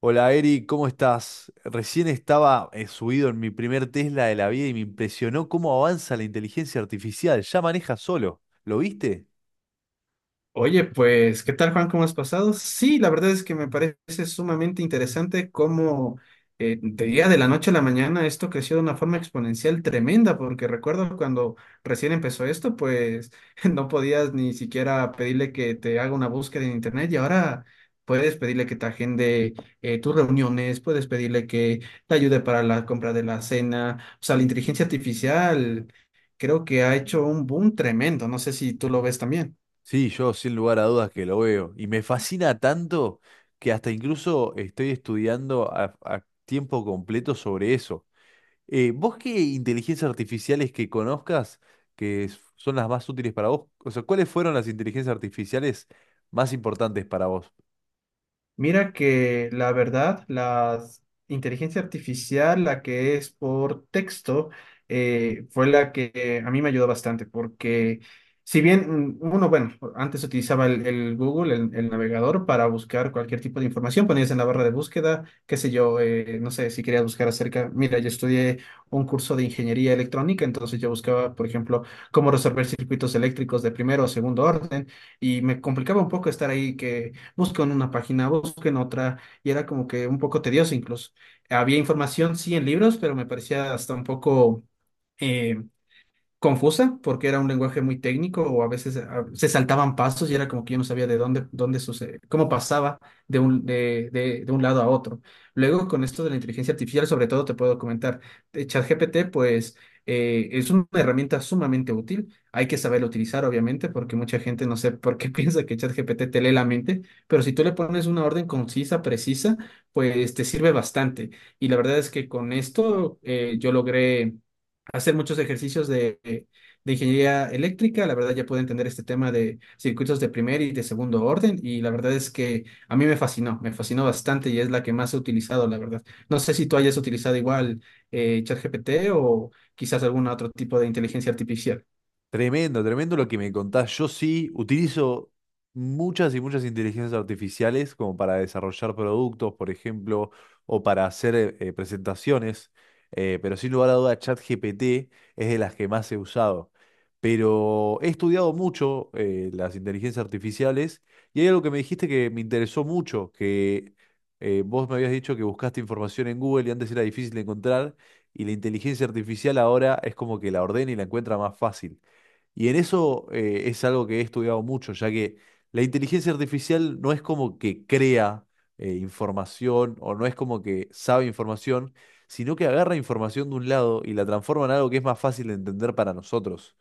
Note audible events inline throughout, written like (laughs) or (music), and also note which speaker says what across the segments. Speaker 1: Hola Eri, ¿cómo estás? Recién estaba subido en mi primer Tesla de la vida y me impresionó cómo avanza la inteligencia artificial. Ya maneja solo. ¿Lo viste?
Speaker 2: Oye, pues, ¿qué tal, Juan? ¿Cómo has pasado? Sí, la verdad es que me parece sumamente interesante cómo de día de la noche a la mañana esto creció de una forma exponencial tremenda, porque recuerdo cuando recién empezó esto, pues (laughs) no podías ni siquiera pedirle que te haga una búsqueda en internet y ahora puedes pedirle que te agende tus reuniones, puedes pedirle que te ayude para la compra de la cena, o sea, la inteligencia artificial creo que ha hecho un boom tremendo, no sé si tú lo ves también.
Speaker 1: Sí, yo sin lugar a dudas que lo veo. Y me fascina tanto que hasta incluso estoy estudiando a tiempo completo sobre eso. ¿Vos qué inteligencias artificiales que conozcas que son las más útiles para vos? O sea, ¿cuáles fueron las inteligencias artificiales más importantes para vos?
Speaker 2: Mira que la verdad, la inteligencia artificial, la que es por texto, fue la que a mí me ayudó bastante, porque si bien uno, bueno, antes utilizaba el Google, el navegador, para buscar cualquier tipo de información, ponías en la barra de búsqueda, qué sé yo, no sé, si querías buscar acerca, mira, yo estudié un curso de ingeniería electrónica, entonces yo buscaba, por ejemplo, cómo resolver circuitos eléctricos de primero o segundo orden, y me complicaba un poco estar ahí que busquen una página, busquen otra, y era como que un poco tedioso incluso. Había información, sí, en libros, pero me parecía hasta un poco... eh, confusa porque era un lenguaje muy técnico o a veces se saltaban pasos y era como que yo no sabía de dónde, dónde sucede, cómo pasaba de de un lado a otro. Luego, con esto de la inteligencia artificial, sobre todo te puedo comentar, ChatGPT, pues es una herramienta sumamente útil. Hay que saberlo utilizar, obviamente, porque mucha gente no sé por qué (laughs) piensa que ChatGPT te lee la mente, pero si tú le pones una orden concisa, precisa, pues te sirve bastante. Y la verdad es que con esto yo logré hacer muchos ejercicios de ingeniería eléctrica. La verdad ya pude entender este tema de circuitos de primer y de segundo orden y la verdad es que a mí me fascinó bastante y es la que más he utilizado, la verdad. No sé si tú hayas utilizado igual ChatGPT o quizás algún otro tipo de inteligencia artificial.
Speaker 1: Tremendo, tremendo lo que me contás. Yo sí utilizo muchas y muchas inteligencias artificiales como para desarrollar productos, por ejemplo, o para hacer presentaciones, pero sin lugar a duda ChatGPT es de las que más he usado. Pero he estudiado mucho las inteligencias artificiales y hay algo que me dijiste que me interesó mucho, que vos me habías dicho que buscaste información en Google y antes era difícil de encontrar, y la inteligencia artificial ahora es como que la ordena y la encuentra más fácil. Y en eso, es algo que he estudiado mucho, ya que la inteligencia artificial no es como que crea información o no es como que sabe información, sino que agarra información de un lado y la transforma en algo que es más fácil de entender para nosotros.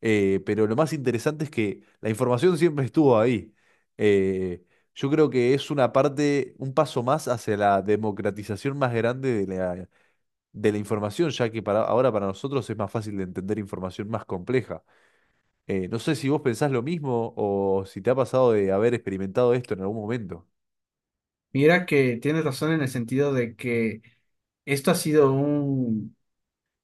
Speaker 1: Pero lo más interesante es que la información siempre estuvo ahí. Eh, yo creo que es una parte, un paso más hacia la democratización más grande de de la información, ya que para, ahora para nosotros es más fácil de entender información más compleja. No sé si vos pensás lo mismo o si te ha pasado de haber experimentado esto en algún momento.
Speaker 2: Mira que tienes razón en el sentido de que esto ha sido un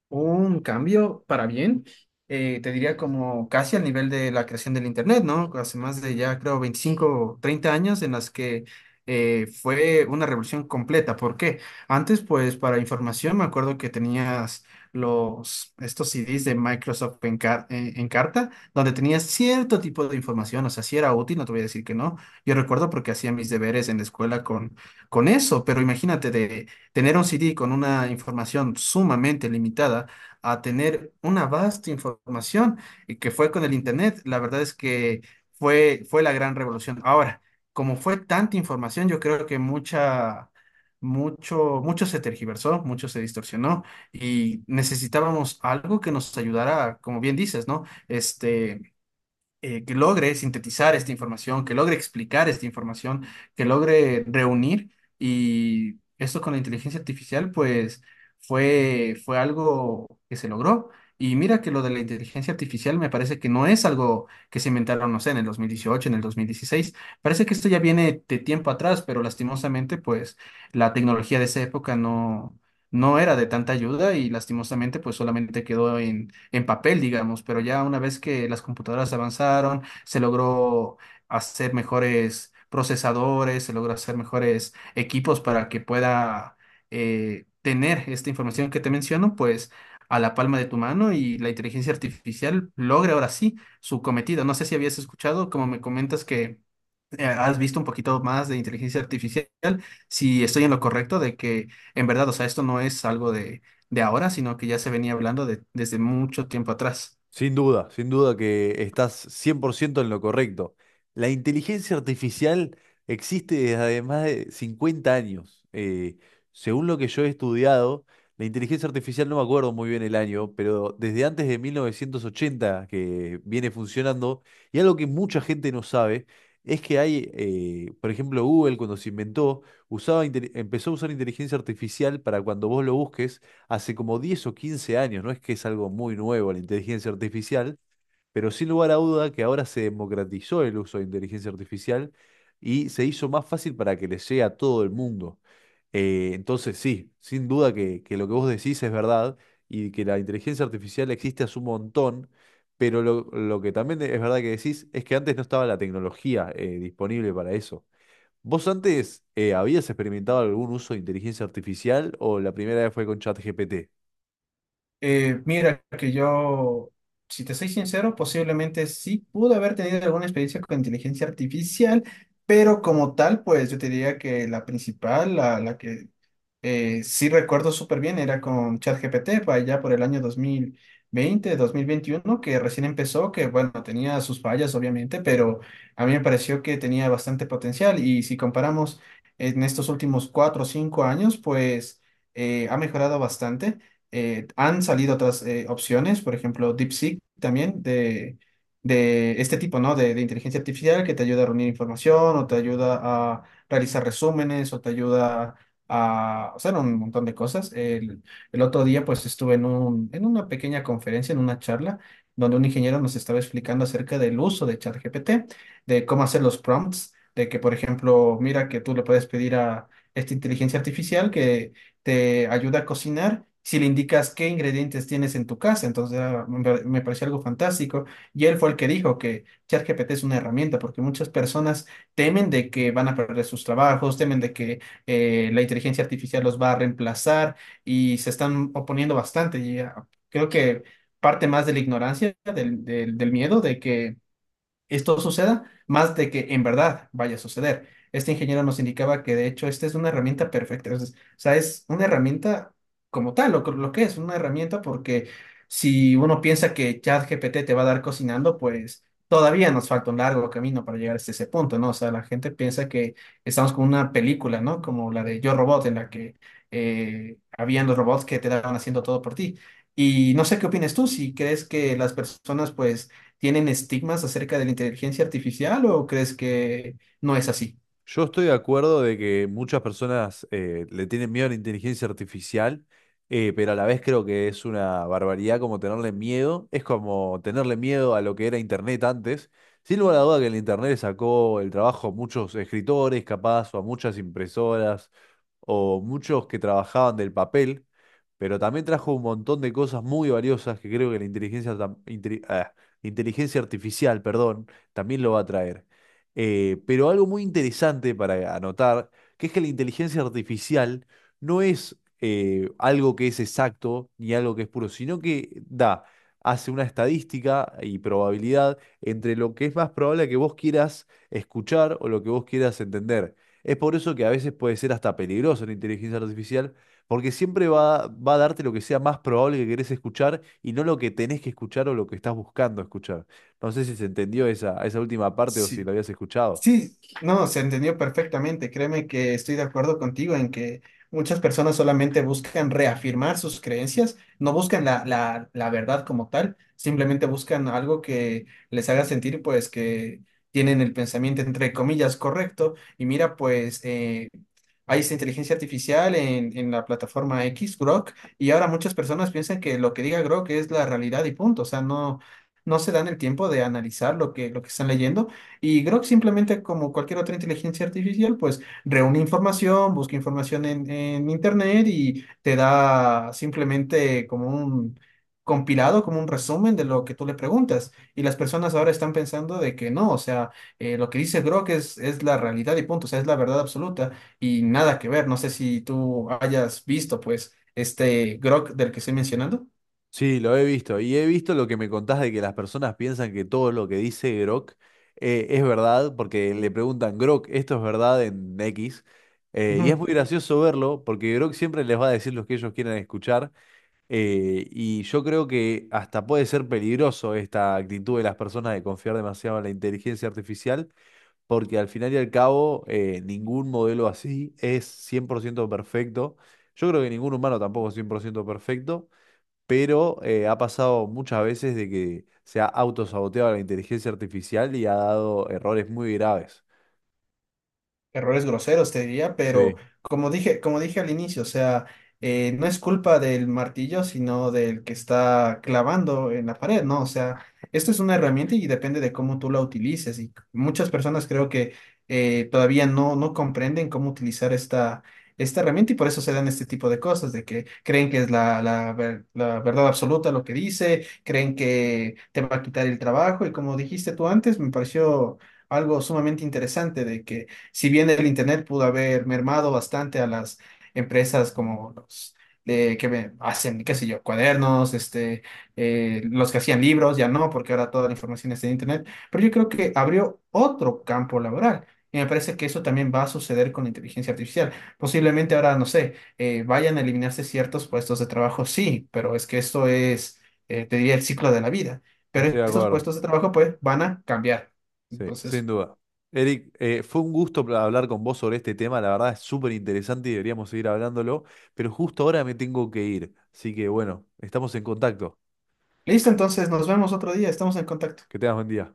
Speaker 2: un cambio para bien, te diría como casi al nivel de la creación del Internet, ¿no? Hace más de ya creo 25, 30 años en las que fue una revolución completa. ¿Por qué? Antes, pues para información, me acuerdo que tenías los, estos CDs de Microsoft en carta, donde tenías cierto tipo de información, o sea, si era útil, no te voy a decir que no. Yo recuerdo porque hacía mis deberes en la escuela con eso, pero imagínate de tener un CD con una información sumamente limitada a tener una vasta información y que fue con el Internet, la verdad es que fue la gran revolución. Ahora, como fue tanta información, yo creo que mucho se tergiversó, mucho se distorsionó y necesitábamos algo que nos ayudara, como bien dices, ¿no? Este que logre sintetizar esta información, que logre explicar esta información, que logre reunir. Y esto con la inteligencia artificial, pues fue algo que se logró. Y mira que lo de la inteligencia artificial me parece que no es algo que se inventaron, no sé, en el 2018, en el 2016. Parece que esto ya viene de tiempo atrás, pero lastimosamente, pues la tecnología de esa época no era de tanta ayuda y lastimosamente, pues solamente quedó en papel, digamos, pero ya una vez que las computadoras avanzaron, se logró hacer mejores procesadores, se logró hacer mejores equipos para que pueda tener esta información que te menciono, pues a la palma de tu mano y la inteligencia artificial logre ahora sí su cometido. No sé si habías escuchado, como me comentas que has visto un poquito más de inteligencia artificial, si estoy en lo correcto de que en verdad, o sea, esto no es algo de ahora, sino que ya se venía hablando desde mucho tiempo atrás.
Speaker 1: Sin duda, sin duda que estás 100% en lo correcto. La inteligencia artificial existe desde hace más de 50 años. Según lo que yo he estudiado, la inteligencia artificial, no me acuerdo muy bien el año, pero desde antes de 1980 que viene funcionando, y algo que mucha gente no sabe, es que hay, por ejemplo, Google cuando se inventó, usaba, empezó a usar inteligencia artificial para cuando vos lo busques hace como 10 o 15 años. No es que es algo muy nuevo la inteligencia artificial, pero sin lugar a duda que ahora se democratizó el uso de inteligencia artificial y se hizo más fácil para que le llegue a todo el mundo. Entonces, sí, sin duda que lo que vos decís es verdad y que la inteligencia artificial existe hace un montón, pero lo que también es verdad que decís es que antes no estaba la tecnología disponible para eso. ¿Vos antes habías experimentado algún uso de inteligencia artificial o la primera vez fue con ChatGPT?
Speaker 2: Mira, que yo, si te soy sincero, posiblemente sí pude haber tenido alguna experiencia con inteligencia artificial, pero como tal, pues yo te diría que la principal, la que sí recuerdo súper bien, era con ChatGPT, para allá por el año 2020, 2021, que recién empezó, que bueno, tenía sus fallas obviamente, pero a mí me pareció que tenía bastante potencial y si comparamos en estos últimos cuatro o cinco años, pues ha mejorado bastante. Han salido otras opciones, por ejemplo, DeepSeek también de este tipo, ¿no? De inteligencia artificial que te ayuda a reunir información o te ayuda a realizar resúmenes o te ayuda a hacer un montón de cosas. El otro día pues estuve en una pequeña conferencia, en una charla, donde un ingeniero nos estaba explicando acerca del uso de ChatGPT, de cómo hacer los prompts, de que por ejemplo, mira que tú le puedes pedir a esta inteligencia artificial que te ayuda a cocinar. Si le indicas qué ingredientes tienes en tu casa, entonces ah, me pareció algo fantástico. Y él fue el que dijo que ChatGPT es una herramienta, porque muchas personas temen de que van a perder sus trabajos, temen de que la inteligencia artificial los va a reemplazar y se están oponiendo bastante. Y, ah, creo que parte más de la ignorancia, del del miedo de que esto suceda, más de que en verdad vaya a suceder. Este ingeniero nos indicaba que de hecho esta es una herramienta perfecta, o sea, es una herramienta como tal, lo que es una herramienta, porque si uno piensa que ChatGPT te va a dar cocinando, pues todavía nos falta un largo camino para llegar hasta ese punto, ¿no? O sea, la gente piensa que estamos con una película, ¿no? Como la de Yo Robot, en la que habían los robots que te daban haciendo todo por ti. ¿Y no sé qué opinas tú, si crees que las personas, pues, tienen estigmas acerca de la inteligencia artificial o crees que no es así?
Speaker 1: Yo estoy de acuerdo de que muchas personas le tienen miedo a la inteligencia artificial, pero a la vez creo que es una barbaridad como tenerle miedo. Es como tenerle miedo a lo que era Internet antes. Sin lugar a duda que el Internet le sacó el trabajo a muchos escritores, capaz, o a muchas impresoras, o muchos que trabajaban del papel, pero también trajo un montón de cosas muy valiosas que creo que la inteligencia artificial, perdón, también lo va a traer. Pero algo muy interesante para anotar, que es que la inteligencia artificial no es algo que es exacto ni algo que es puro, sino que da, hace una estadística y probabilidad entre lo que es más probable que vos quieras escuchar o lo que vos quieras entender. Es por eso que a veces puede ser hasta peligroso la inteligencia artificial, porque siempre va a darte lo que sea más probable que querés escuchar y no lo que tenés que escuchar o lo que estás buscando escuchar. No sé si se entendió esa última parte o si lo
Speaker 2: Sí,
Speaker 1: habías escuchado.
Speaker 2: sí, no, se entendió perfectamente. Créeme que estoy de acuerdo contigo en que muchas personas solamente buscan reafirmar sus creencias, no buscan la verdad como tal, simplemente buscan algo que les haga sentir pues que tienen el pensamiento entre comillas correcto. Y mira, pues hay esta inteligencia artificial en la plataforma X, Grok, y ahora muchas personas piensan que lo que diga Grok es la realidad y punto. O sea, no se dan el tiempo de analizar lo que están leyendo y Grok simplemente, como cualquier otra inteligencia artificial, pues reúne información, busca información en internet y te da simplemente como un compilado, como un resumen de lo que tú le preguntas. Y las personas ahora están pensando de que no, o sea, lo que dice Grok es la realidad y punto, o sea, es la verdad absoluta y nada que ver. No sé si tú hayas visto, pues, este Grok del que estoy mencionando.
Speaker 1: Sí, lo he visto. Y he visto lo que me contás de que las personas piensan que todo lo que dice Grok es verdad, porque le preguntan, Grok, ¿esto es verdad en X? Y es
Speaker 2: Ujú.
Speaker 1: muy gracioso verlo, porque Grok siempre les va a decir lo que ellos quieren escuchar. Y yo creo que hasta puede ser peligroso esta actitud de las personas de confiar demasiado en la inteligencia artificial, porque al final y al cabo ningún modelo así es 100% perfecto. Yo creo que ningún humano tampoco es 100% perfecto, pero ha pasado muchas veces de que se ha autosaboteado la inteligencia artificial y ha dado errores muy graves.
Speaker 2: Errores groseros, te diría, pero
Speaker 1: Sí.
Speaker 2: como dije al inicio, o sea, no es culpa del martillo, sino del que está clavando en la pared, ¿no? O sea, esto es una herramienta y depende de cómo tú la utilices. Y muchas personas creo que todavía no comprenden cómo utilizar esta herramienta y por eso se dan este tipo de cosas, de que creen que es la verdad absoluta lo que dice, creen que te va a quitar el trabajo y como dijiste tú antes, me pareció algo sumamente interesante de que si bien el Internet pudo haber mermado bastante a las empresas como los que hacen, qué sé yo, cuadernos, este, los que hacían libros, ya no, porque ahora toda la información está en Internet, pero yo creo que abrió otro campo laboral. Y me parece que eso también va a suceder con la inteligencia artificial. Posiblemente ahora, no sé, vayan a eliminarse ciertos puestos de trabajo, sí, pero es que esto es, te diría, el ciclo de la vida. Pero
Speaker 1: Estoy de
Speaker 2: estos
Speaker 1: acuerdo,
Speaker 2: puestos de trabajo, pues, van a cambiar.
Speaker 1: sí, sin
Speaker 2: Entonces,
Speaker 1: duda. Eric, fue un gusto hablar con vos sobre este tema, la verdad es súper interesante y deberíamos seguir hablándolo, pero justo ahora me tengo que ir, así que bueno, estamos en contacto.
Speaker 2: listo, entonces nos vemos otro día, estamos en contacto.
Speaker 1: Que tengas buen día.